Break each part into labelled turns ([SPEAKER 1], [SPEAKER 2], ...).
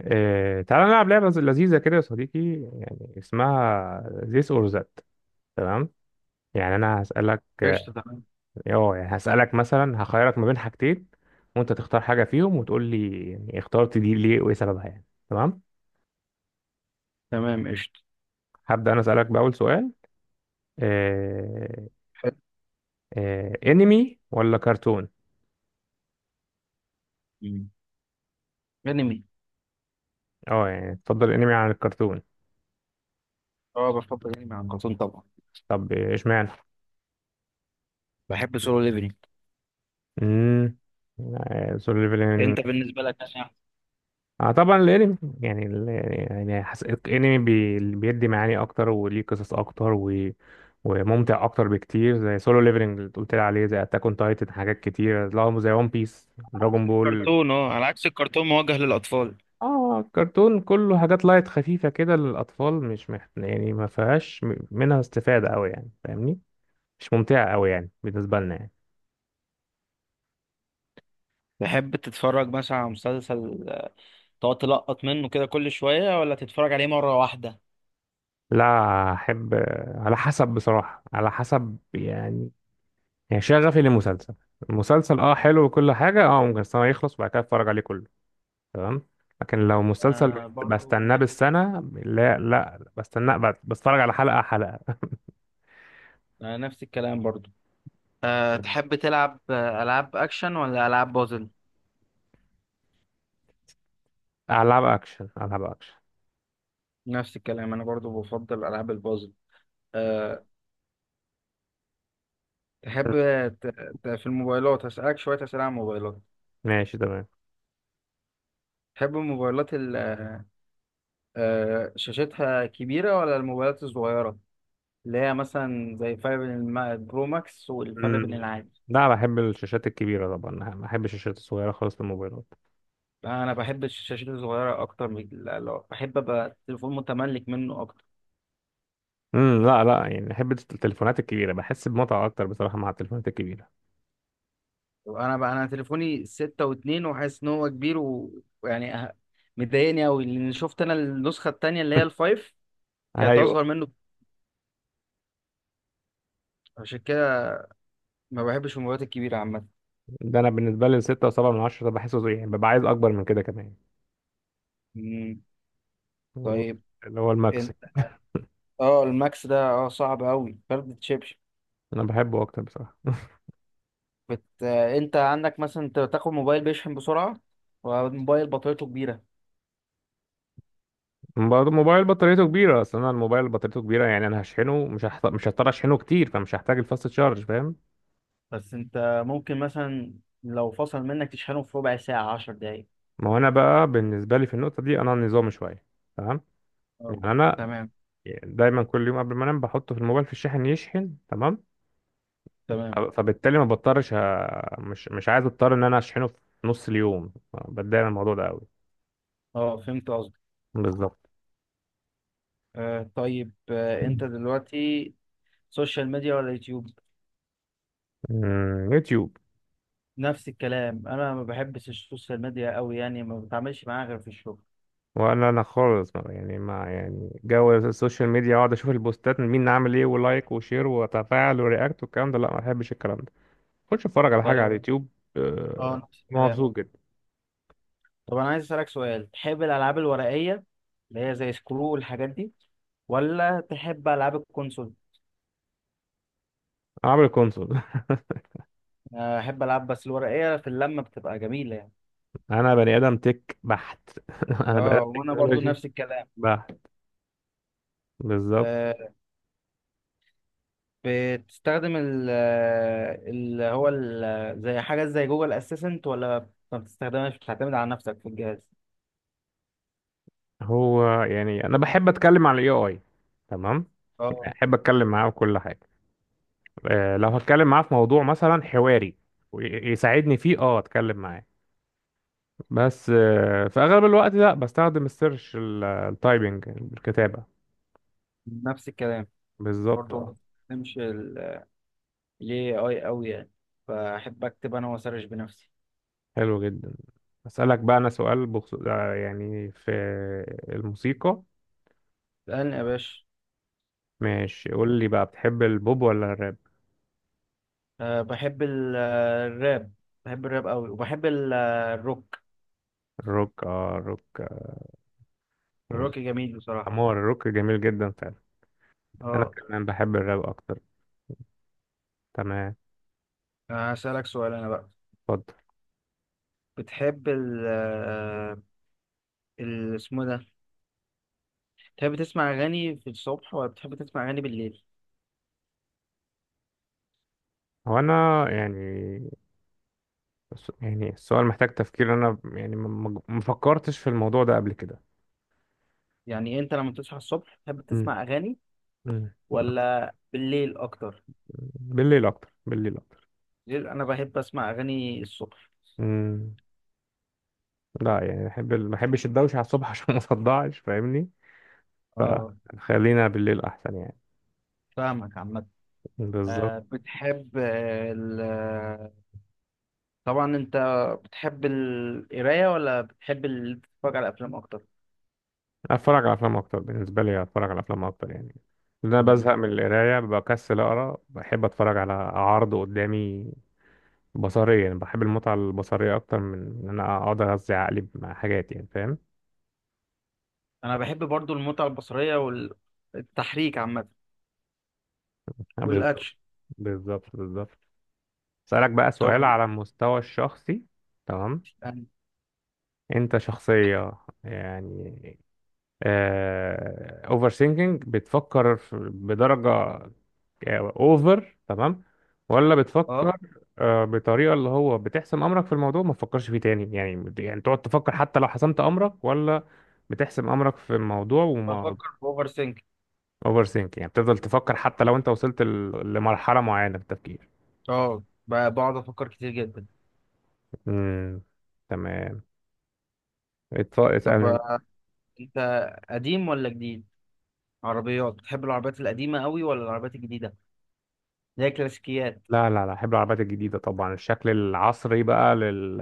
[SPEAKER 1] إيه، تعالى نلعب لعبة لذيذة كده يا صديقي، يعني اسمها this or that. تمام. يعني أنا هسألك
[SPEAKER 2] قشطة تمام.
[SPEAKER 1] يعني هسألك مثلا، هخيرك ما بين حاجتين، وأنت تختار حاجة فيهم وتقول لي يعني اخترت دي ليه وإيه سببها يعني. تمام.
[SPEAKER 2] تمام قشطة.
[SPEAKER 1] هبدأ أنا أسألك بأول سؤال. إيه،
[SPEAKER 2] حلو.
[SPEAKER 1] إيه، انمي ولا كرتون؟
[SPEAKER 2] مم. أنمي.
[SPEAKER 1] اه يعني تفضل انمي عن الكرتون.
[SPEAKER 2] أه بفضل أنمي عن كرتون طبعا.
[SPEAKER 1] طب اشمعنى؟
[SPEAKER 2] بحب سولو ليفلينج.
[SPEAKER 1] امم.
[SPEAKER 2] أنت بالنسبة لك يعني؟
[SPEAKER 1] اه طبعا الانمي يعني يعني الانمي بيدي معاني اكتر وليه قصص اكتر وممتع اكتر بكتير، زي سولو ليفلنج اللي قلت لي عليه، زي اتاك اون تايتن، حاجات كتير، لا زي ون بيس دراجون بول.
[SPEAKER 2] كرتون أه على عكس الكرتون موجه للأطفال.
[SPEAKER 1] اه كرتون كله حاجات لايت خفيفه كده للاطفال، مش مح... يعني ما فيهاش منها استفاده قوي يعني، فاهمني؟ مش ممتعه قوي يعني بالنسبه لنا يعني.
[SPEAKER 2] تحب تتفرج مثلا على مسلسل تقعد تلقط منه كده كل شوية ولا تتفرج عليه مرة واحدة؟
[SPEAKER 1] لا احب، على حسب بصراحه، على حسب يعني. يعني شغفي للمسلسل، المسلسل اه حلو وكل حاجة، اه ممكن السنة يخلص وبعد كده اتفرج عليه كله. تمام. لكن لو مسلسل
[SPEAKER 2] آه برضو
[SPEAKER 1] بستناه
[SPEAKER 2] نفس.
[SPEAKER 1] بالسنة، لا لا بستناه، بتفرج على حلقة حلقة.
[SPEAKER 2] آه نفس الكلام برضو. آه تحب تلعب ألعاب أكشن ولا ألعاب بازل؟
[SPEAKER 1] ألعاب أكشن، ألعاب أكشن.
[SPEAKER 2] نفس الكلام أنا برضو بفضل ألعاب البازل. أه تحب ت- في الموبايلات هسألك شوية أسئلة عن الموبايلات.
[SPEAKER 1] ماشي تمام.
[SPEAKER 2] تحب الموبايلات شاشتها كبيرة ولا الموبايلات الصغيرة اللي هي مثلا زي الفرق بين البرو ماكس والفرق بين
[SPEAKER 1] مم.
[SPEAKER 2] العادي؟
[SPEAKER 1] لا بحب الشاشات الكبيرة طبعا، ما بحبش الشاشات الصغيرة خالص للموبايلات.
[SPEAKER 2] أنا بحب الشاشات الصغيرة أكتر من بحب أبقى تليفون متملك منه أكتر.
[SPEAKER 1] امم، لا لا يعني بحب التليفونات الكبيرة، بحس بمتعة أكتر بصراحة مع التليفونات الكبيرة.
[SPEAKER 2] أنا بقى أنا تليفوني 6.2 وحاسس إن هو كبير مضايقني أوي، لأن شفت أنا النسخة التانية اللي هي الفايف كانت
[SPEAKER 1] ايوه.
[SPEAKER 2] أصغر منه. عشان كده ما بحبش الموبايلات الكبيرة عامة.
[SPEAKER 1] ده انا بالنسبه لي الستة وسبعة من عشرة ده بحسه زي يعني ببقى عايز اكبر من كده كمان،
[SPEAKER 2] مم،
[SPEAKER 1] اللي هو
[SPEAKER 2] طيب
[SPEAKER 1] اللي هو الماكس.
[SPEAKER 2] أنت. أه الماكس ده أه صعب أوي فرد تشيب.
[SPEAKER 1] انا بحبه اكتر بصراحه.
[SPEAKER 2] انت عندك مثلا، انت بتاخد موبايل بيشحن بسرعة والموبايل بطاريته كبيرة؟
[SPEAKER 1] برضه الموبايل بطاريته كبيره، اصل انا الموبايل بطاريته كبيره، يعني انا هشحنه، مش هضطر اشحنه كتير، فمش هحتاج الفاست تشارج، فاهم؟
[SPEAKER 2] بس انت ممكن مثلا لو فصل منك تشحنه في ربع ساعة، 10 دقايق.
[SPEAKER 1] ما هو انا بقى بالنسبه لي في النقطه دي انا نظامي شويه. تمام.
[SPEAKER 2] آه،
[SPEAKER 1] يعني انا
[SPEAKER 2] تمام
[SPEAKER 1] دايما كل يوم قبل ما انام بحطه في الموبايل في الشاحن يشحن. تمام.
[SPEAKER 2] تمام.
[SPEAKER 1] فبالتالي ما بضطرش مش عايز اضطر ان انا اشحنه في نص اليوم، بتضايق من الموضوع ده قوي.
[SPEAKER 2] اه فهمت قصدك.
[SPEAKER 1] بالظبط.
[SPEAKER 2] آه طيب، آه انت دلوقتي سوشيال ميديا ولا يوتيوب؟
[SPEAKER 1] أمم، يوتيوب.
[SPEAKER 2] نفس الكلام، انا ما بحبش السوشيال ميديا قوي يعني، ما بتعاملش معاها غير في الشغل.
[SPEAKER 1] ولا انا خالص يعني ما يعني جو السوشيال ميديا اقعد اشوف البوستات من مين عامل ايه، ولايك وشير وتفاعل ورياكت والكلام ده، لا ما بحبش الكلام ده. خش اتفرج على حاجه على
[SPEAKER 2] طيب.
[SPEAKER 1] اليوتيوب.
[SPEAKER 2] اه
[SPEAKER 1] آه،
[SPEAKER 2] نفس الكلام.
[SPEAKER 1] مبسوط جدا.
[SPEAKER 2] طب انا عايز اسالك سؤال، تحب الالعاب الورقيه اللي هي زي سكرو والحاجات دي ولا تحب العاب الكونسول؟
[SPEAKER 1] انا عامل كونسول.
[SPEAKER 2] احب العب، بس الورقيه في اللمه بتبقى جميله يعني.
[SPEAKER 1] انا بني ادم تك بحت. انا بني
[SPEAKER 2] اه
[SPEAKER 1] ادم
[SPEAKER 2] وانا برضو
[SPEAKER 1] تكنولوجي
[SPEAKER 2] نفس الكلام.
[SPEAKER 1] بحت. بالظبط.
[SPEAKER 2] أه بتستخدم زي حاجه زي جوجل اسيستنت، ولا ما بتستخدمهاش بتعتمد على نفسك في الجهاز؟
[SPEAKER 1] هو يعني انا بحب اتكلم عن الاي اي. تمام.
[SPEAKER 2] اه
[SPEAKER 1] يعني احب اتكلم معاه في كل حاجه، آه، لو هتكلم معاه في موضوع مثلا حواري ويساعدني فيه اه اتكلم معاه. بس آه، في اغلب الوقت لا بستخدم السيرش، التايبنج، الكتابة.
[SPEAKER 2] نفس الكلام،
[SPEAKER 1] بالظبط
[SPEAKER 2] برضو ما
[SPEAKER 1] آه.
[SPEAKER 2] بستخدمش الاي اي قوي يعني، فاحب اكتب انا واسرش بنفسي.
[SPEAKER 1] حلو جدا. اسالك بقى انا سؤال بخصوص آه، يعني في الموسيقى.
[SPEAKER 2] اسالني يا باشا.
[SPEAKER 1] ماشي، قول لي بقى، بتحب البوب ولا الراب؟
[SPEAKER 2] أه بحب الراب. بحب الراب قوي، وبحب الروك.
[SPEAKER 1] الروك، اه الروك، آه، يعني
[SPEAKER 2] الروك جميل بصراحه.
[SPEAKER 1] امور، الروك جميل جدا فعلا. انا
[SPEAKER 2] اه
[SPEAKER 1] كمان بحب الراب اكتر. تمام.
[SPEAKER 2] هسألك سؤال انا بقى.
[SPEAKER 1] اتفضل.
[SPEAKER 2] بتحب ال ال- اسمه ده بتحب تسمع أغاني في الصبح ولا بتحب تسمع أغاني بالليل؟
[SPEAKER 1] هو انا يعني يعني السؤال محتاج تفكير، انا يعني ما فكرتش في الموضوع ده قبل كده.
[SPEAKER 2] يعني أنت لما بتصحى الصبح بتحب
[SPEAKER 1] مم.
[SPEAKER 2] تسمع أغاني
[SPEAKER 1] مم.
[SPEAKER 2] ولا بالليل أكتر؟
[SPEAKER 1] بالليل اكتر، بالليل اكتر.
[SPEAKER 2] بالليل. أنا بحب أسمع أغاني الصبح.
[SPEAKER 1] امم، لا يعني بحب ما بحبش الدوشه على الصبح عشان ما صدعش فاهمني،
[SPEAKER 2] اه
[SPEAKER 1] فخلينا بالليل احسن يعني.
[SPEAKER 2] فاهمك عامة.
[SPEAKER 1] بالظبط.
[SPEAKER 2] آه، بتحب آه، ال طبعا أنت بتحب القراية ولا بتحب تتفرج على أفلام أكتر؟
[SPEAKER 1] اتفرج على افلام اكتر، بالنسبه لي اتفرج على افلام اكتر يعني، لأن انا
[SPEAKER 2] مم.
[SPEAKER 1] بزهق من القرايه، بكسل اقرا، بحب اتفرج على عرض قدامي بصريا، يعني بحب المتعه البصريه اكتر من ان انا اقعد اغذي عقلي مع حاجات، يعني فاهم.
[SPEAKER 2] أنا بحب برضو المتعة البصرية والتحريك عامة
[SPEAKER 1] بالظبط،
[SPEAKER 2] والأكشن.
[SPEAKER 1] بالظبط، بالظبط. اسالك بقى
[SPEAKER 2] طبعا.
[SPEAKER 1] سؤال على المستوى الشخصي. تمام.
[SPEAKER 2] أنا-
[SPEAKER 1] انت شخصية يعني اوفر ثينكينج، بتفكر بدرجة اوفر، تمام؟ ولا
[SPEAKER 2] اه
[SPEAKER 1] بتفكر آه، بطريقة اللي هو بتحسم امرك في الموضوع ما تفكرش فيه تاني يعني، يعني تقعد تفكر حتى لو حسمت امرك، ولا بتحسم امرك في الموضوع وما...
[SPEAKER 2] بفكر في اوفر سينك.
[SPEAKER 1] اوفر ثينك، يعني بتفضل تفكر حتى لو انت وصلت لمرحلة معينة في التفكير.
[SPEAKER 2] اه بقعد افكر كتير جدا.
[SPEAKER 1] امم. تمام.
[SPEAKER 2] طب
[SPEAKER 1] اسألني انت.
[SPEAKER 2] انت قديم ولا جديد؟ عربيات، بتحب العربيات القديمه قوي ولا العربيات الجديده زي الكلاسيكيات؟
[SPEAKER 1] لا لا لا، احب العربيات الجديدة طبعا، الشكل العصري بقى لل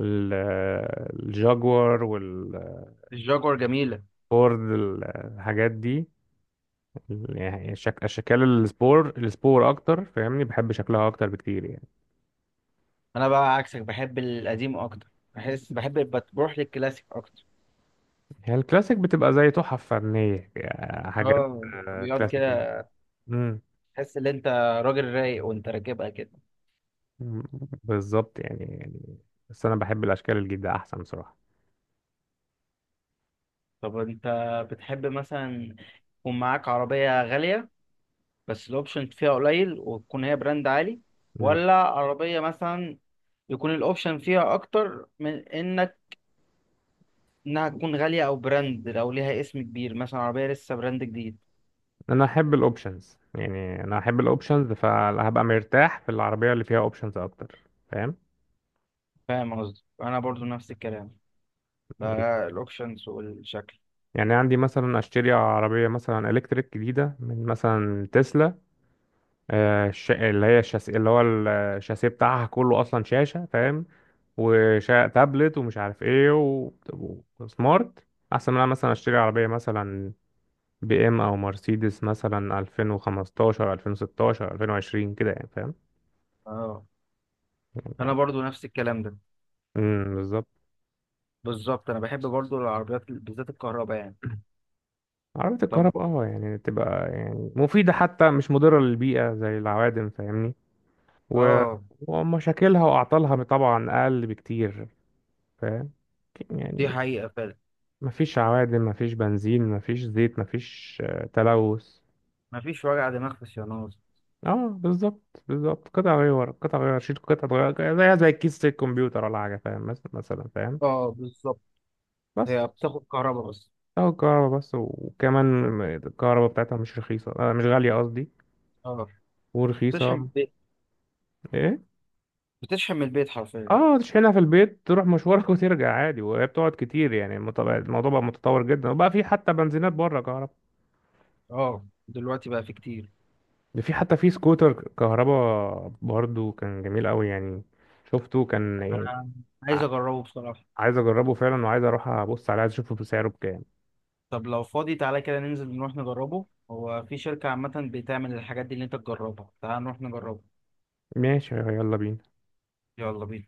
[SPEAKER 1] ال- الجاguار والفورد
[SPEAKER 2] الجاكور جميله.
[SPEAKER 1] الحاجات دي، يعني اشكال السبور، السبور اكتر فاهمني، بحب شكلها اكتر بكتير يعني.
[SPEAKER 2] انا بقى عكسك بحب القديم اكتر، بحس بحب بتروح للكلاسيك اكتر.
[SPEAKER 1] هي الكلاسيك بتبقى زي تحف فنية، يعني حاجات
[SPEAKER 2] اه
[SPEAKER 1] آه،
[SPEAKER 2] عربيات
[SPEAKER 1] كلاسيكية.
[SPEAKER 2] كده.
[SPEAKER 1] امم،
[SPEAKER 2] تحس ان انت راجل رايق وانت راكبها كده.
[SPEAKER 1] بالظبط يعني يعني، بس انا بحب الاشكال الجديدة احسن بصراحة.
[SPEAKER 2] طب انت بتحب مثلا يكون معاك عربيه غاليه بس الاوبشن فيها قليل وتكون هي براند عالي،
[SPEAKER 1] مم.
[SPEAKER 2] ولا عربية مثلا يكون الاوبشن فيها اكتر من انك انها تكون غالية او براند لو ليها اسم كبير، مثلا عربية لسه براند جديد؟
[SPEAKER 1] انا احب الاوبشنز، يعني انا احب الاوبشنز، فهبقى مرتاح في العربية اللي فيها اوبشنز اكتر، فاهم؟
[SPEAKER 2] فاهم قصدي، انا برضو نفس الكلام ده، الاوبشنز والشكل.
[SPEAKER 1] يعني عندي مثلا اشتري عربيه مثلا الكتريك جديده من مثلا تسلا، آه، الش... اللي هي الشاس... اللي هو ال- الشاسيه بتاعها كله اصلا شاشه، فاهم؟ وتابلت ومش عارف ايه وسمارت، احسن من أنا مثلا اشتري عربيه مثلا بي ام او مرسيدس مثلا 2015، 2016، 2020 كده يعني، فاهم؟
[SPEAKER 2] اه انا برضو نفس الكلام ده.
[SPEAKER 1] امم، بالظبط.
[SPEAKER 2] بالظبط، انا بحب برضو العربيات ال- بالذات الكهرباء يعني.
[SPEAKER 1] عربية
[SPEAKER 2] طب
[SPEAKER 1] الكهرباء اه، يعني تبقى يعني مفيدة حتى، مش مضرة للبيئة زي العوادم فاهمني، و-
[SPEAKER 2] اه.
[SPEAKER 1] ومشاكلها وأعطالها طبعا أقل بكتير، فاهم؟
[SPEAKER 2] دي
[SPEAKER 1] يعني
[SPEAKER 2] حقيقة فعلا.
[SPEAKER 1] مفيش عوادم، مفيش بنزين، مفيش زيت، مفيش آه، تلوث.
[SPEAKER 2] مفيش وجع دماغ في الصيانات.
[SPEAKER 1] اه بالظبط بالظبط، قطع غير، قطع غير شيل، قطع غير زيها زي كيس الكمبيوتر ولا حاجة، فاهم؟ مثلا فاهم؟
[SPEAKER 2] اه بالظبط.
[SPEAKER 1] بس
[SPEAKER 2] هي بتاخد كهرباء بس؟
[SPEAKER 1] اهو الكهرباء بس، وكمان الكهرباء بتاعتها مش رخيصة، آه مش غالية قصدي،
[SPEAKER 2] اه بتشحن
[SPEAKER 1] ورخيصة.
[SPEAKER 2] من البيت.
[SPEAKER 1] ايه؟
[SPEAKER 2] بتشحن من البيت حرفيا.
[SPEAKER 1] اه تشحنها في البيت، تروح مشوارك وترجع عادي، وهي بتقعد كتير يعني، الموضوع بقى متطور جدا، وبقى في حتى بنزينات بره كهرباء،
[SPEAKER 2] اه دلوقتي بقى في كتير.
[SPEAKER 1] ده في حتى في سكوتر كهربا برضو، كان جميل قوي يعني، شفته كان يعني.
[SPEAKER 2] انا عايز اجربه بصراحة.
[SPEAKER 1] عايز اجربه فعلا، وعايز اروح ابص عليه، عايز اشوفه بسعره بكام.
[SPEAKER 2] طب لو فاضي تعالى كده ننزل نروح نجربه. هو في شركة عامة بتعمل الحاجات دي اللي انت تجربها، تعالى نروح نجربه.
[SPEAKER 1] ماشي يلا بينا.
[SPEAKER 2] يلا بينا.